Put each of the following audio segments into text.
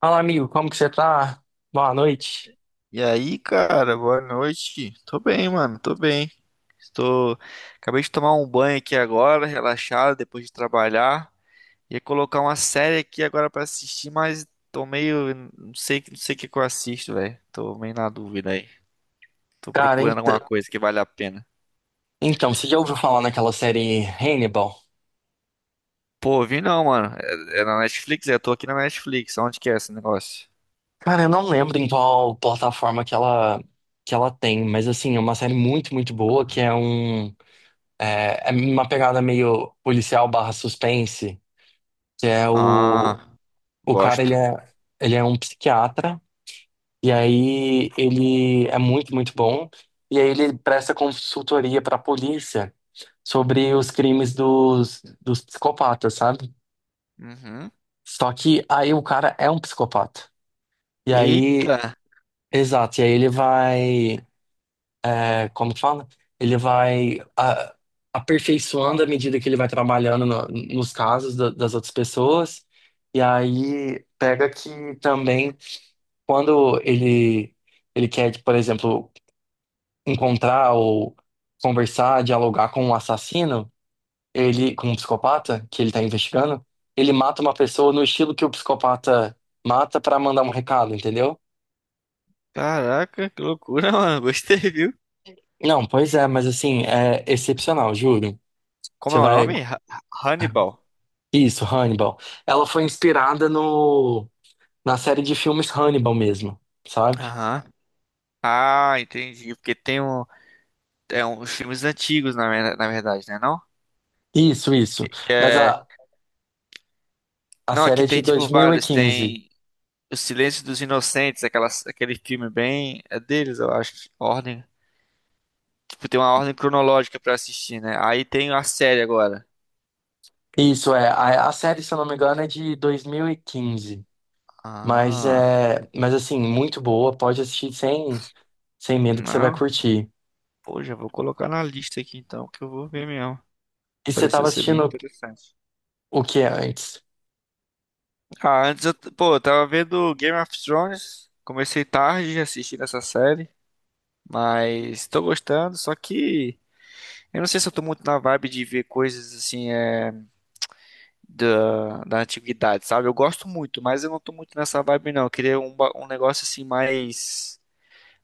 Fala, amigo, como que você tá? Boa noite. E aí, cara, boa noite. Tô bem, mano, tô bem. Estou. Acabei de tomar um banho aqui agora, relaxado, depois de trabalhar. Ia colocar uma série aqui agora pra assistir, mas tô meio. Não sei, não sei o que que eu assisto, velho. Tô meio na dúvida aí. Tô Cara, procurando alguma então, coisa que vale a pena. então, você já ouviu falar naquela série Hannibal? Pô, vi não, mano. É na Netflix? É, eu tô aqui na Netflix. Onde que é esse negócio? Cara, eu não lembro em qual plataforma que ela tem, mas assim, é uma série muito, muito boa, que é uma pegada meio policial barra suspense, que é o, Ah, o cara, ele gosto. é, ele é um psiquiatra, e aí ele é muito, muito bom, e aí ele presta consultoria pra polícia sobre os crimes dos psicopatas, sabe? Uhum. Só que aí o cara é um psicopata. E aí, Eita, exato, e aí ele vai, é, como que fala? Ele vai aperfeiçoando à medida que ele vai trabalhando nos casos das outras pessoas. E aí pega que também quando ele quer, tipo, por exemplo, encontrar ou conversar, dialogar com um assassino, ele com um psicopata que ele está investigando, ele mata uma pessoa no estilo que o psicopata mata para mandar um recado, entendeu? caraca, que loucura, mano. Gostei, viu? Não, pois é, mas assim, é excepcional, juro. Como Você é o vai. nome? Hannibal. Isso, Hannibal. Ela foi inspirada no... na série de filmes Hannibal mesmo, sabe? Aham. Ah, entendi. Porque tem um, os filmes antigos, na verdade, né? Não? Isso, Que isso. Mas é, a não, série aqui é de tem dois tipo mil e vários. quinze, Tem O Silêncio dos Inocentes, aquele filme bem. É deles, eu acho. Ordem. Tipo, tem uma ordem cronológica pra assistir, né? Aí tem a série agora. Isso, é. A série, se eu não me engano, é de 2015. Mas Ah, é. Mas assim, muito boa. Pode assistir sem medo que você vai não. curtir. Pô, já vou colocar na lista aqui então, que eu vou ver mesmo. E você Pareceu tava ser bem assistindo interessante. o que antes? Ah, antes pô, eu tava vendo Game of Thrones, comecei tarde assistindo essa série, mas tô gostando, só que eu não sei se eu tô muito na vibe de ver coisas assim, é, da antiguidade, sabe? Eu gosto muito, mas eu não tô muito nessa vibe não, eu queria um negócio assim mais,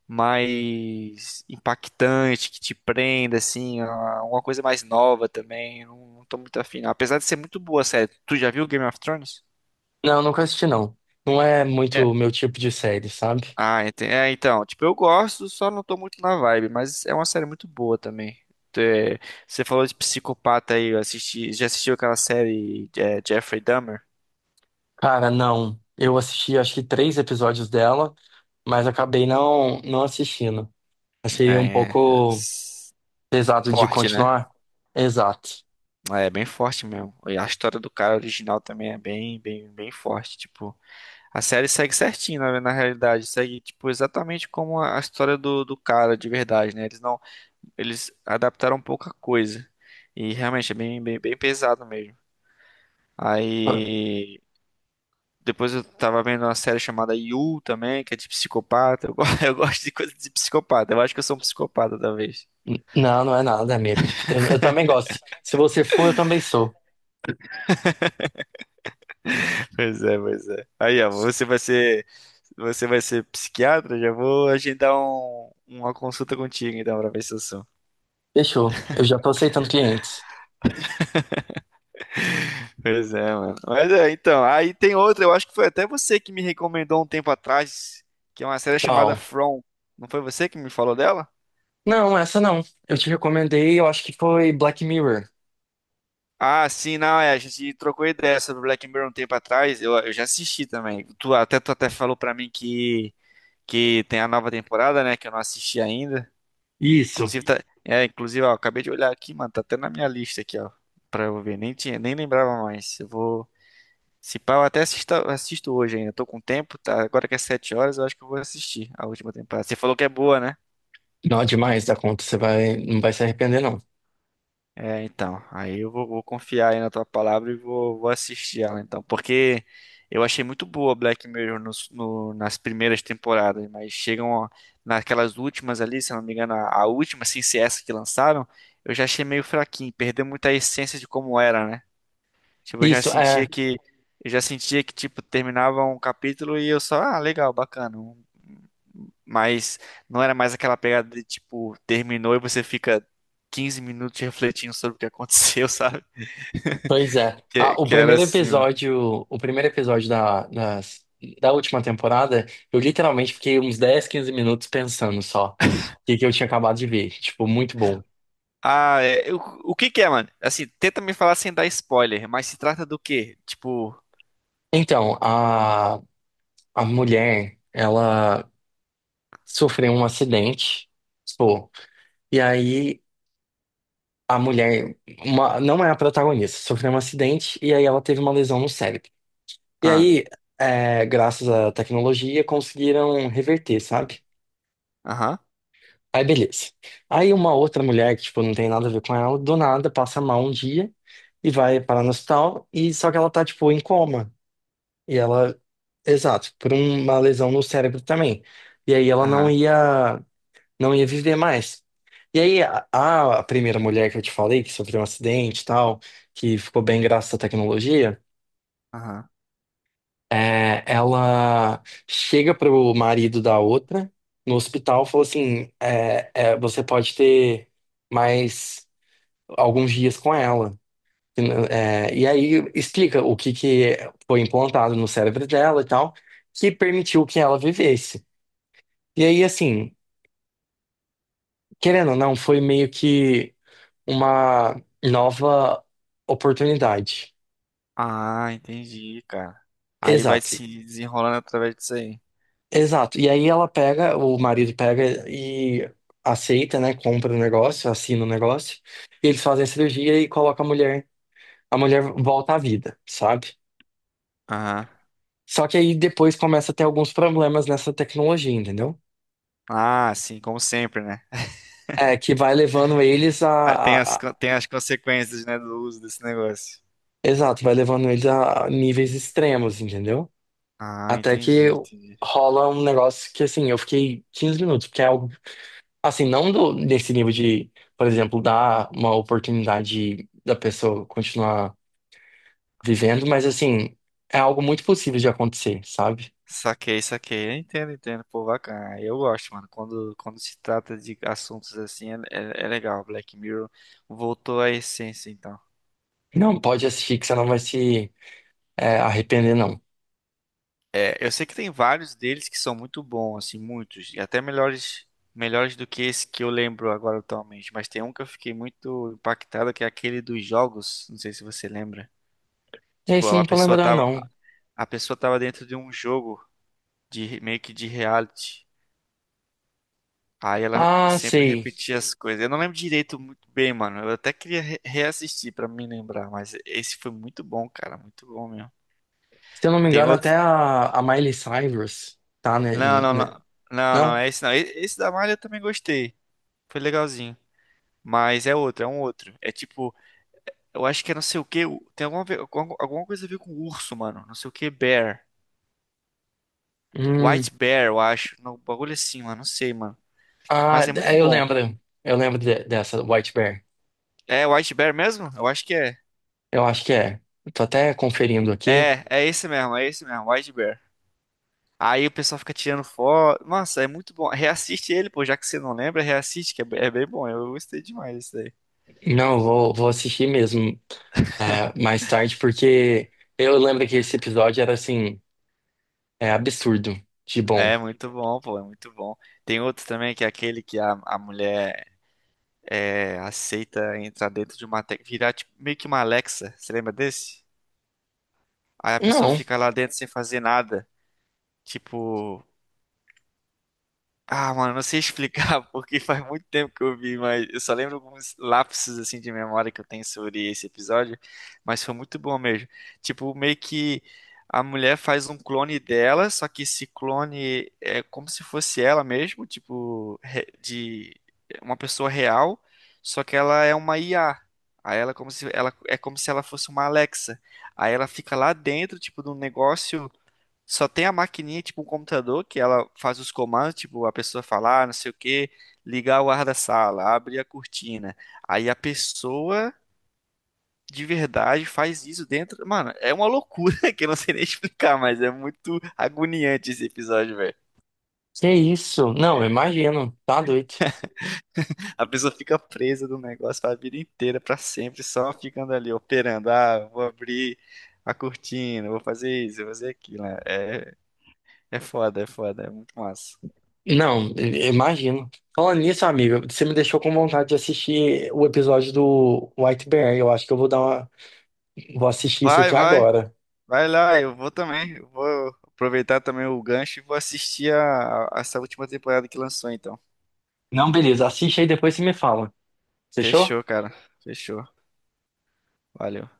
mais impactante, que te prenda, assim, uma coisa mais nova também, eu não tô muito afim, não. Apesar de ser muito boa a série, tu já viu Game of Thrones? Não, nunca assisti, não. Não é muito o meu tipo de série, sabe? Ah, é, então, tipo, eu gosto, só não tô muito na vibe, mas é uma série muito boa também. É, você falou de psicopata aí, já assistiu aquela série é, Jeffrey Dahmer? Cara, não. Eu assisti acho que três episódios dela, mas acabei não assistindo. Achei um É, pouco s- pesado de forte, né? continuar. Exato. É bem forte mesmo. E a história do cara original também é bem, bem, bem forte. Tipo, a série segue certinho, na realidade, segue tipo exatamente como a história do cara de verdade, né? Eles não, eles adaptaram pouca coisa. E realmente é bem, bem, bem pesado mesmo. Aí depois eu tava vendo uma série chamada You também, que é de psicopata. Eu gosto de coisa de psicopata. Eu acho que eu sou um psicopata, talvez. Não, não é nada, amigo. Eu também gosto. Se você for, eu também sou. Pois é, pois é. Aí, ó, você vai ser psiquiatra? Já vou agendar uma consulta contigo, então, pra ver se eu sou. Fechou. Eu já tô aceitando clientes. Pois é, mano. Mas é, então, aí tem outra, eu acho que foi até você que me recomendou um tempo atrás, que é uma série chamada Não. From. Não foi você que me falou dela? Não, essa não. Eu te recomendei, eu acho que foi Black Mirror. Ah, sim, não, é, a gente trocou ideia sobre Black Mirror um tempo atrás, eu já assisti também. Tu até falou pra mim que tem a nova temporada, né, que eu não assisti ainda. Isso. Inclusive, tá, inclusive, ó, acabei de olhar aqui, mano, tá até na minha lista aqui, ó, pra eu ver, nem tinha, nem lembrava mais. Eu vou, se pá, eu até assisto hoje ainda, tô com tempo, tá, agora que é 7 horas, eu acho que eu vou assistir a última temporada. Você falou que é boa, né? Não, é demais da conta. Você vai, não vai se arrepender, não. É, então, aí eu vou confiar aí na tua palavra e vou assistir ela, então, porque eu achei muito boa Black Mirror nas primeiras temporadas, mas chegam ó, naquelas últimas ali, se eu não me engano, a última, assim, se essa que lançaram, eu já achei meio fraquinho, perdeu muita essência de como era, né? Tipo, eu já Isso, sentia é. que eu já sentia que tipo terminava um capítulo e eu só, ah, legal, bacana. Mas não era mais aquela pegada de tipo terminou e você fica 15 minutos refletindo sobre o que aconteceu, sabe? Pois é. Que, Ah, o que era primeiro assim, mano. episódio, o primeiro episódio da última temporada, eu literalmente fiquei uns 10 15 minutos pensando só o que que eu tinha acabado de ver. Tipo, muito bom. Ah, é, o que que é, mano? Assim, tenta me falar sem dar spoiler, mas se trata do quê? Tipo, Então, a mulher, ela sofreu um acidente, pô, e aí a mulher, não é a protagonista, sofreu um acidente e aí ela teve uma lesão no cérebro. E ah, aí, é, graças à tecnologia, conseguiram reverter, sabe? aham, Aí beleza. Aí uma outra mulher que, tipo, não tem nada a ver com ela, do nada passa mal um dia e vai parar no hospital, e só que ela tá, tipo, em coma. E ela, exato, por uma lesão no cérebro também. E aí ela aham, não ia viver mais. E aí a primeira mulher que eu te falei, que sofreu um acidente e tal, que ficou bem graças à tecnologia, aham. é, ela chega pro marido da outra no hospital, falou assim, você pode ter mais alguns dias com ela. É, e aí explica o que que foi implantado no cérebro dela e tal, que permitiu que ela vivesse. E aí, assim, querendo ou não, foi meio que uma nova oportunidade. Ah, entendi, cara. Aí vai Exato. se desenrolando através disso aí. Exato. E aí ela pega, o marido pega e aceita, né? Compra o negócio, assina o negócio. E eles fazem a cirurgia e colocam a mulher. A mulher volta à vida, sabe? Aham. Só que aí depois começa a ter alguns problemas nessa tecnologia, entendeu? Ah, sim, como sempre, né? É, que vai levando eles a, Ah, a- a- tem as consequências, né, do uso desse negócio. Exato, vai levando eles a níveis extremos, entendeu? Ah, Até que entendi, entendi. rola um negócio que, assim, eu fiquei 15 minutos, porque é algo. Assim, não do, desse nível de, por exemplo, dar uma oportunidade da pessoa continuar vivendo, mas assim, é algo muito possível de acontecer, sabe? Saquei, saquei. Eu entendo, entendo. Pô, bacana. Ah, eu gosto, mano. Quando se trata de assuntos assim, é legal. Black Mirror voltou à essência, então. Não, pode assistir que você não vai se arrepender, não. É, eu sei que tem vários deles que são muito bons, assim, muitos. E até melhores do que esse que eu lembro agora atualmente. Mas tem um que eu fiquei muito impactado, que é aquele dos jogos. Não sei se você lembra. É Tipo, isso, eu a não tô pessoa lembrando, tava, não. a pessoa tava dentro de um jogo. De meio que de reality. Aí ela Ah, sempre sei. repetia as coisas. Eu não lembro direito muito bem, mano. Eu até queria reassistir pra me lembrar, mas esse foi muito bom, cara, muito bom mesmo. Se eu não me Tem engano, até outro? A Miley Cyrus tá, né? Não, não, não. Não, não, Não? é esse não. Esse da Malha eu também gostei. Foi legalzinho. Mas é um outro. É tipo, eu acho que é não sei o que. Tem alguma, alguma coisa a ver com urso, mano. Não sei o que, bear. Hum, White Bear, eu acho. Não, bagulho assim, mano. Não sei, mano. ah, Mas é muito é, eu bom. lembro. Eu lembro dessa White Bear. É White Bear mesmo? Eu acho que é. Eu acho que é. Eu tô até conferindo aqui. É, é esse mesmo, White Bear. Aí o pessoal fica tirando foto. Nossa, é muito bom. Reassiste ele, pô, já que você não lembra, reassiste, que é bem bom. Eu gostei demais disso daí. Não, vou assistir mesmo mais tarde, porque eu lembro que esse episódio era assim, é absurdo de bom. É muito bom, pô, é muito bom. Tem outro também que é aquele que a mulher aceita entrar dentro de uma, virar tipo, meio que uma Alexa. Você lembra desse? Aí a pessoa Não, fica lá dentro sem fazer nada. Tipo. Ah, mano, não sei explicar porque faz muito tempo que eu vi, mas eu só lembro alguns lapsos assim de memória que eu tenho sobre esse episódio, mas foi muito bom mesmo. Tipo, meio que a mulher faz um clone dela, só que esse clone é como se fosse ela mesmo, tipo, de uma pessoa real, só que ela é uma IA. Aí ela é como se ela fosse uma Alexa. Aí ela fica lá dentro, tipo, de um negócio só tem a maquininha, tipo um computador, que ela faz os comandos, tipo a pessoa falar, não sei o que ligar o ar da sala, abrir a cortina. Aí a pessoa de verdade faz isso dentro. Mano, é uma loucura que eu não sei nem explicar, mas é muito agoniante esse episódio, velho. que isso? Não, eu imagino, tá doido. A pessoa fica presa no negócio a vida inteira, pra sempre, só ficando ali operando. Ah, vou abrir a cortina, vou fazer isso, vou fazer aquilo, né? É, é foda, é foda, é muito massa. Não, eu imagino. Falando nisso, amigo, você me deixou com vontade de assistir o episódio do White Bear. Eu acho que eu vou dar uma, vou assistir isso Vai, aqui vai. agora. Vai lá, eu vou também. Eu vou aproveitar também o gancho e vou assistir essa última temporada que lançou, então. Não, beleza, assiste aí depois você me fala. Fechou? Fechou, cara. Fechou. Valeu.